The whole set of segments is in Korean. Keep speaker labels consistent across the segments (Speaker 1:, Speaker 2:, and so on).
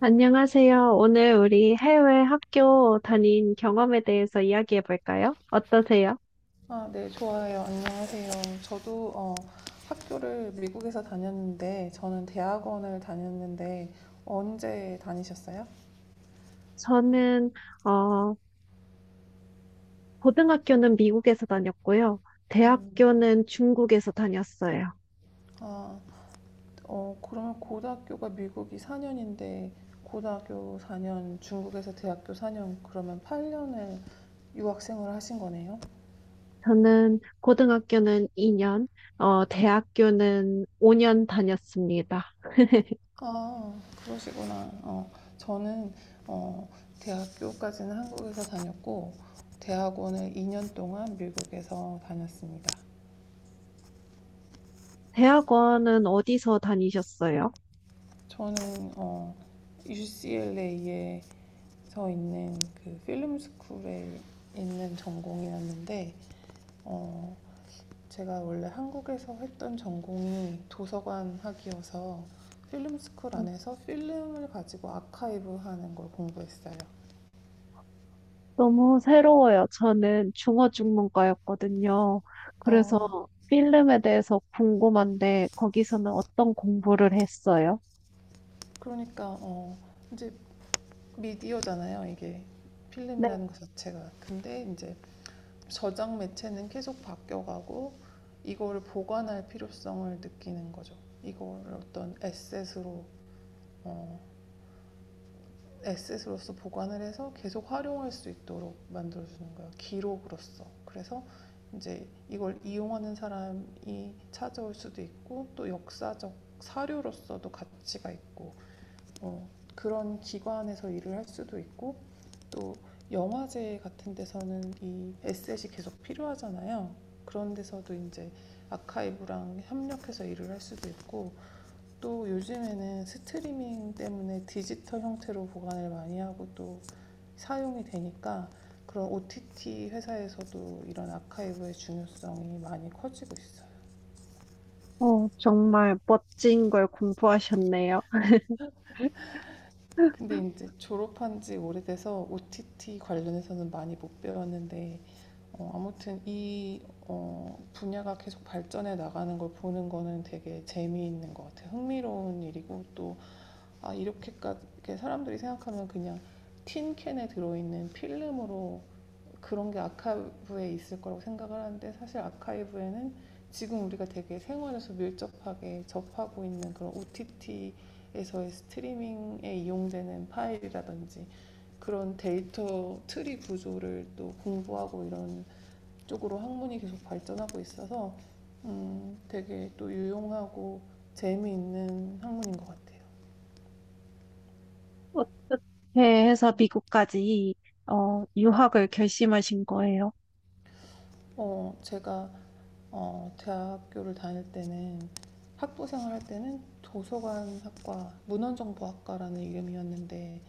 Speaker 1: 안녕하세요. 오늘 우리 해외 학교 다닌 경험에 대해서 이야기해 볼까요? 어떠세요?
Speaker 2: 아, 네, 좋아요. 안녕하세요. 저도 학교를 미국에서 다녔는데, 저는 대학원을 다녔는데, 언제 다니셨어요?
Speaker 1: 저는, 어, 고등학교는 미국에서 다녔고요.
Speaker 2: 음,
Speaker 1: 대학교는 중국에서 다녔어요.
Speaker 2: 아, 그러면 고등학교가 미국이 4년인데, 고등학교 4년, 중국에서 대학교 4년, 그러면 8년을 유학생을 하신 거네요?
Speaker 1: 저는 고등학교는 2년, 대학교는 5년 다녔습니다.
Speaker 2: 아, 그러시구나. 저는 어, 대학교까지는 한국에서 다녔고, 대학원을 2년 동안 미국에서 다녔습니다.
Speaker 1: 대학원은 어디서 다니셨어요?
Speaker 2: 저는 어, UCLA에서 있는 그 필름 스쿨에 있는 전공이었는데 어, 제가 원래 한국에서 했던 전공이 도서관학이어서 필름 스쿨 안에서 필름을 가지고 아카이브 하는 걸 공부했어요.
Speaker 1: 너무 새로워요. 저는 중어중문과였거든요. 그래서
Speaker 2: 어,
Speaker 1: 필름에 대해서 궁금한데 거기서는 어떤 공부를 했어요?
Speaker 2: 그러니까 이제 미디어잖아요. 이게
Speaker 1: 네.
Speaker 2: 필름이라는 것 자체가. 근데 이제 저장 매체는 계속 바뀌어가고 이거를 보관할 필요성을 느끼는 거죠. 이거를 어떤 에셋으로 어, 에셋으로서 보관을 해서 계속 활용할 수 있도록 만들어주는 거예요. 기록으로서. 그래서 이제 이걸 이용하는 사람이 찾아올 수도 있고 또 역사적 사료로서도 가치가 있고 어, 그런 기관에서 일을 할 수도 있고 또 영화제 같은 데서는 이 에셋이 계속 필요하잖아요. 그런 데서도 이제 아카이브랑 협력해서 일을 할 수도 있고 또 요즘에는 스트리밍 때문에 디지털 형태로 보관을 많이 하고 또 사용이 되니까 그런 OTT 회사에서도 이런 아카이브의 중요성이 많이 커지고 있어요.
Speaker 1: 어, 정말 멋진 걸 공부하셨네요.
Speaker 2: 근데 이제 졸업한 지 오래돼서 OTT 관련해서는 많이 못 배웠는데 아무튼 이 분야가 계속 발전해 나가는 걸 보는 거는 되게 재미있는 것 같아요. 흥미로운 일이고 또 아, 이렇게까지 이렇게 사람들이 생각하면 그냥 틴캔에 들어있는 필름으로 그런 게 아카이브에 있을 거라고 생각을 하는데 사실 아카이브에는 지금 우리가 되게 생활에서 밀접하게 접하고 있는 그런 OTT에서의 스트리밍에 이용되는 파일이라든지 그런 데이터 트리 구조를 또 공부하고 이런 쪽으로 학문이 계속 발전하고 있어서 되게 또 유용하고 재미있는 학문인 것 같아요.
Speaker 1: 어떻게 해서 미국까지 유학을 결심하신 거예요?
Speaker 2: 제가 대학교를 다닐 때는 학부 생활할 때는 도서관학과 문헌정보학과라는 이름이었는데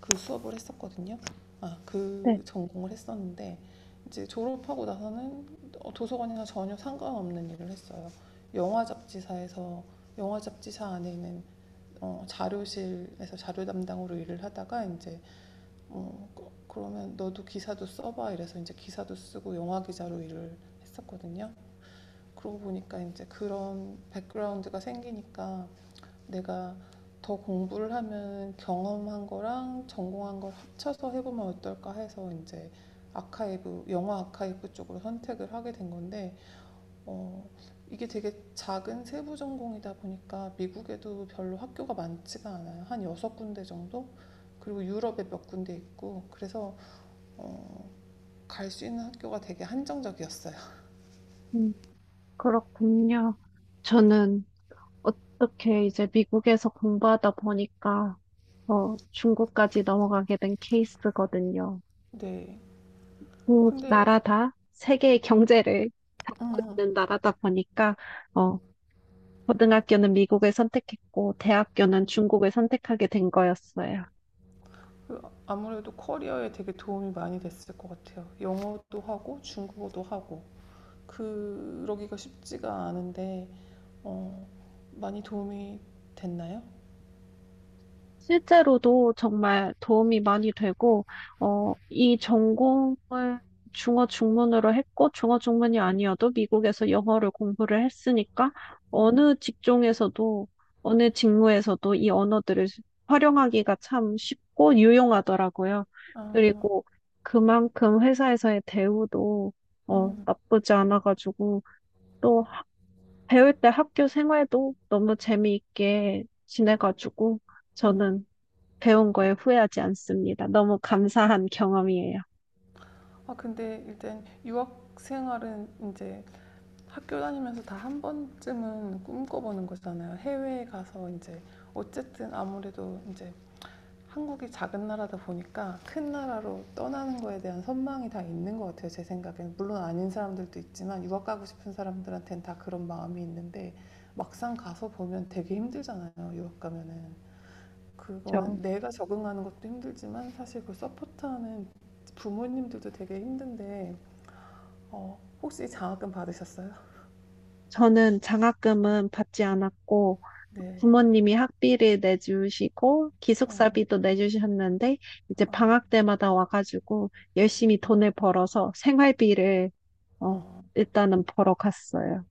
Speaker 2: 그 수업을 했었거든요. 아,
Speaker 1: 네,
Speaker 2: 그 전공을 했었는데 이제 졸업하고 나서는 도서관이나 전혀 상관없는 일을 했어요. 영화 잡지사에서 영화 잡지사 안에 있는 자료실에서 자료 담당으로 일을 하다가 이제 그러면 너도 기사도 써봐 이래서 이제 기사도 쓰고 영화 기자로 일을 했었거든요. 그러고 보니까 이제 그런 백그라운드가 생기니까 내가 더 공부를 하면 경험한 거랑 전공한 걸 합쳐서 해보면 어떨까 해서 이제 아카이브, 영화 아카이브 쪽으로 선택을 하게 된 건데, 어, 이게 되게 작은 세부 전공이다 보니까 미국에도 별로 학교가 많지가 않아요. 한 여섯 군데 정도? 그리고 유럽에 몇 군데 있고, 그래서 어, 갈 수 있는 학교가 되게 한정적이었어요.
Speaker 1: 음, 그렇군요. 저는 어떻게 이제 미국에서 공부하다 보니까 중국까지 넘어가게 된 케이스거든요.
Speaker 2: 네.
Speaker 1: 국
Speaker 2: 근데,
Speaker 1: 나라 다 세계의 경제를
Speaker 2: 음,
Speaker 1: 잡고
Speaker 2: 음.
Speaker 1: 있는 나라다 보니까 어, 고등학교는 미국을 선택했고 대학교는 중국을 선택하게 된 거였어요.
Speaker 2: 그 아무래도 커리어에 되게 도움이 많이 됐을 것 같아요. 영어도 하고 중국어도 하고 그러기가 쉽지가 않은데 어, 많이 도움이 됐나요?
Speaker 1: 실제로도 정말 도움이 많이 되고, 이 전공을 중어 중문으로 했고, 중어 중문이 아니어도 미국에서 영어를 공부를 했으니까,
Speaker 2: 음,
Speaker 1: 어느 직종에서도, 어느 직무에서도 이 언어들을 활용하기가 참 쉽고 유용하더라고요.
Speaker 2: 아,
Speaker 1: 그리고 그만큼 회사에서의 대우도,
Speaker 2: 음,
Speaker 1: 나쁘지 않아가지고, 또 배울 때 학교 생활도 너무 재미있게 지내가지고,
Speaker 2: 음.
Speaker 1: 저는 배운 거에 후회하지 않습니다. 너무 감사한 경험이에요.
Speaker 2: 아, 근데 일단 유학 생활은 이제 학교 다니면서 다 한 번쯤은 꿈꿔보는 거잖아요. 해외에 가서 이제 어쨌든 아무래도 이제 한국이 작은 나라다 보니까 큰 나라로 떠나는 거에 대한 선망이 다 있는 것 같아요. 제 생각에는 물론 아닌 사람들도 있지만 유학 가고 싶은 사람들한테는 다 그런 마음이 있는데 막상 가서 보면 되게 힘들잖아요. 유학 가면은
Speaker 1: 저,
Speaker 2: 그거는 내가 적응하는 것도 힘들지만 사실 그 서포트하는 부모님들도 되게 힘든데 혹시 장학금 받으셨어요?
Speaker 1: 저는 장학금은 받지 않았고,
Speaker 2: 네.
Speaker 1: 부모님이 학비를 내주시고,
Speaker 2: 어.
Speaker 1: 기숙사비도 내주셨는데, 이제
Speaker 2: 아,
Speaker 1: 방학 때마다 와가지고, 열심히 돈을 벌어서 생활비를, 어,
Speaker 2: 아.
Speaker 1: 일단은 벌어 갔어요.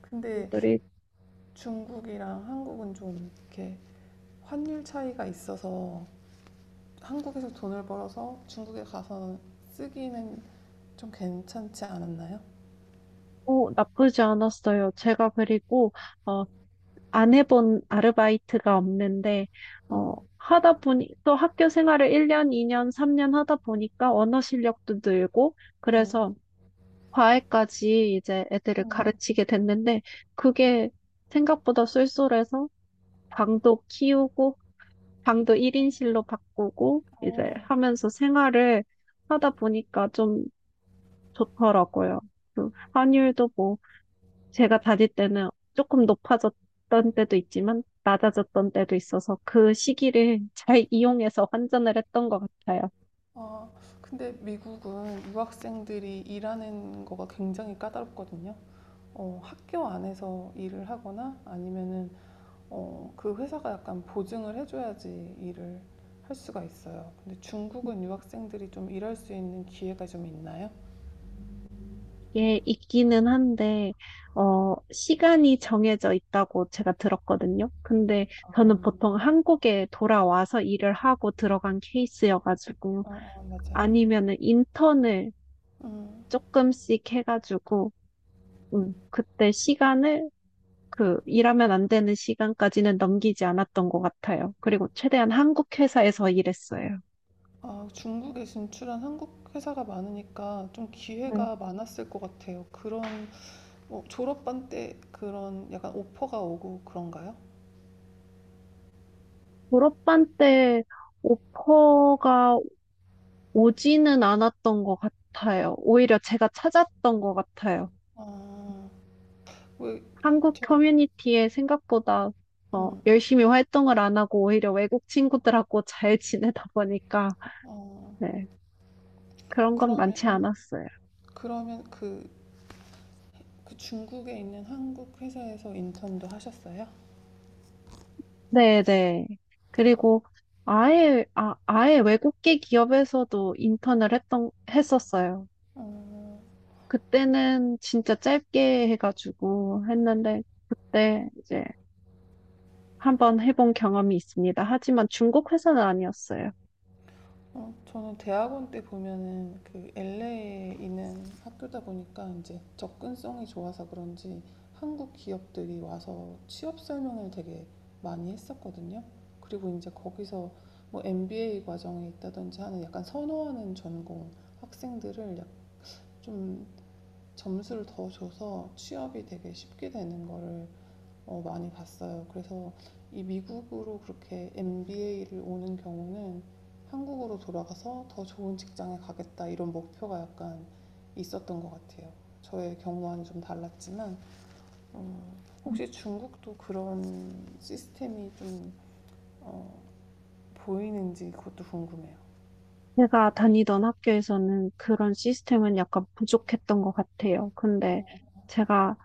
Speaker 2: 근데
Speaker 1: 그리고
Speaker 2: 중국이랑 한국은 좀 이렇게 환율 차이가 있어서 한국에서 돈을 벌어서 중국에 가서 쓰기는 좀 괜찮지 않았나요?
Speaker 1: 나쁘지 않았어요. 제가 그리고, 어 안 해본 아르바이트가 없는데,
Speaker 2: 음,
Speaker 1: 하다 보니, 또 학교 생활을 1년, 2년, 3년 하다 보니까 언어 실력도 늘고,
Speaker 2: 음,
Speaker 1: 그래서 과외까지 이제 애들을
Speaker 2: 음.
Speaker 1: 가르치게 됐는데, 그게 생각보다 쏠쏠해서 방도 키우고, 방도 1인실로 바꾸고, 이제
Speaker 2: 어,
Speaker 1: 하면서 생활을 하다 보니까 좀 좋더라고요. 그 환율도 뭐, 제가 다닐 때는 조금 높아졌던 때도 있지만 낮아졌던 때도 있어서 그 시기를 잘 이용해서 환전을 했던 것 같아요.
Speaker 2: 아, 근데 미국은 유학생들이 일하는 거가 굉장히 까다롭거든요. 학교 안에서 일을 하거나 아니면은 그 회사가 약간 보증을 해줘야지 일을 할 수가 있어요. 근데 중국은 유학생들이 좀 일할 수 있는 기회가 좀 있나요?
Speaker 1: 이게 있기는 한데, 어, 시간이 정해져 있다고 제가 들었거든요. 근데 저는
Speaker 2: 아,
Speaker 1: 보통 한국에 돌아와서 일을 하고 들어간 케이스여가지고,
Speaker 2: 아, 아, 맞아요.
Speaker 1: 아니면은 인턴을
Speaker 2: 음.
Speaker 1: 조금씩 해가지고, 그때 시간을 그 일하면 안 되는 시간까지는 넘기지 않았던 것 같아요. 그리고 최대한 한국 회사에서 일했어요.
Speaker 2: 아, 중국에 진출한 한국 회사가 많으니까 좀
Speaker 1: 네.
Speaker 2: 기회가 많았을 것 같아요. 그런 뭐 졸업반 때 그런 약간 오퍼가 오고 그런가요?
Speaker 1: 졸업반 때 오퍼가 오지는 않았던 것 같아요. 오히려 제가 찾았던 것 같아요.
Speaker 2: 아, 왜
Speaker 1: 한국
Speaker 2: 저,
Speaker 1: 커뮤니티에 생각보다 어,
Speaker 2: 음,
Speaker 1: 열심히 활동을 안 하고 오히려 외국 친구들하고 잘 지내다 보니까
Speaker 2: 어,
Speaker 1: 네, 그런 건 많지
Speaker 2: 그러면
Speaker 1: 않았어요.
Speaker 2: 그러면 그, 그 중국에 있는 한국 회사에서 인턴도 하셨어요?
Speaker 1: 네네. 그리고 아예 외국계 기업에서도 했었어요.
Speaker 2: 어,
Speaker 1: 그때는 진짜 짧게 해가지고 했는데, 그때 이제 한번 해본 경험이 있습니다. 하지만 중국 회사는 아니었어요.
Speaker 2: 저는 대학원 때 보면은 그 LA에 있는 학교다 보니까 이제 접근성이 좋아서 그런지 한국 기업들이 와서 취업 설명을 되게 많이 했었거든요. 그리고 이제 거기서 뭐 MBA 과정이 있다든지 하는 약간 선호하는 전공 학생들을 좀 점수를 더 줘서 취업이 되게 쉽게 되는 거를 많이 봤어요. 그래서 이 미국으로 그렇게 MBA를 오는 경우는 한국으로 돌아가서 더 좋은 직장에 가겠다 이런 목표가 약간 있었던 것 같아요. 저의 경우와는 좀 달랐지만 혹시 중국도 그런 시스템이 좀 어, 보이는지 그것도 궁금해요.
Speaker 1: 제가 다니던 학교에서는 그런 시스템은 약간 부족했던 것 같아요. 근데 제가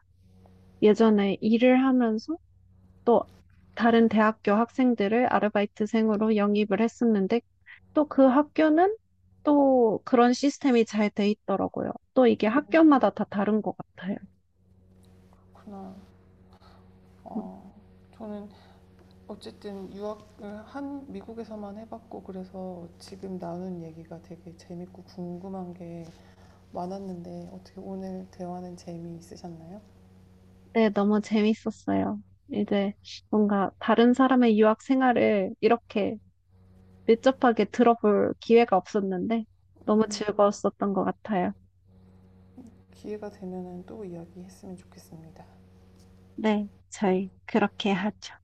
Speaker 1: 예전에 일을 하면서 또 다른 대학교 학생들을 아르바이트생으로 영입을 했었는데 또 그 학교는 또 그런 시스템이 잘 돼 있더라고요. 또 이게
Speaker 2: 음,
Speaker 1: 학교마다 다 다른 것 같아요.
Speaker 2: 그렇구나. 어, 저는 어쨌든 유학을 한 미국에서만 해봤고 그래서 지금 나눈 얘기가 되게 재밌고 궁금한 게 많았는데 어떻게 오늘 대화는 재미있으셨나요?
Speaker 1: 네, 너무 재밌었어요. 이제 뭔가 다른 사람의 유학 생활을 이렇게 밀접하게 들어볼 기회가 없었는데 너무
Speaker 2: 음,
Speaker 1: 즐거웠었던 것 같아요.
Speaker 2: 기회가 되면 또 이야기했으면 좋겠습니다.
Speaker 1: 네, 저희 그렇게 하죠.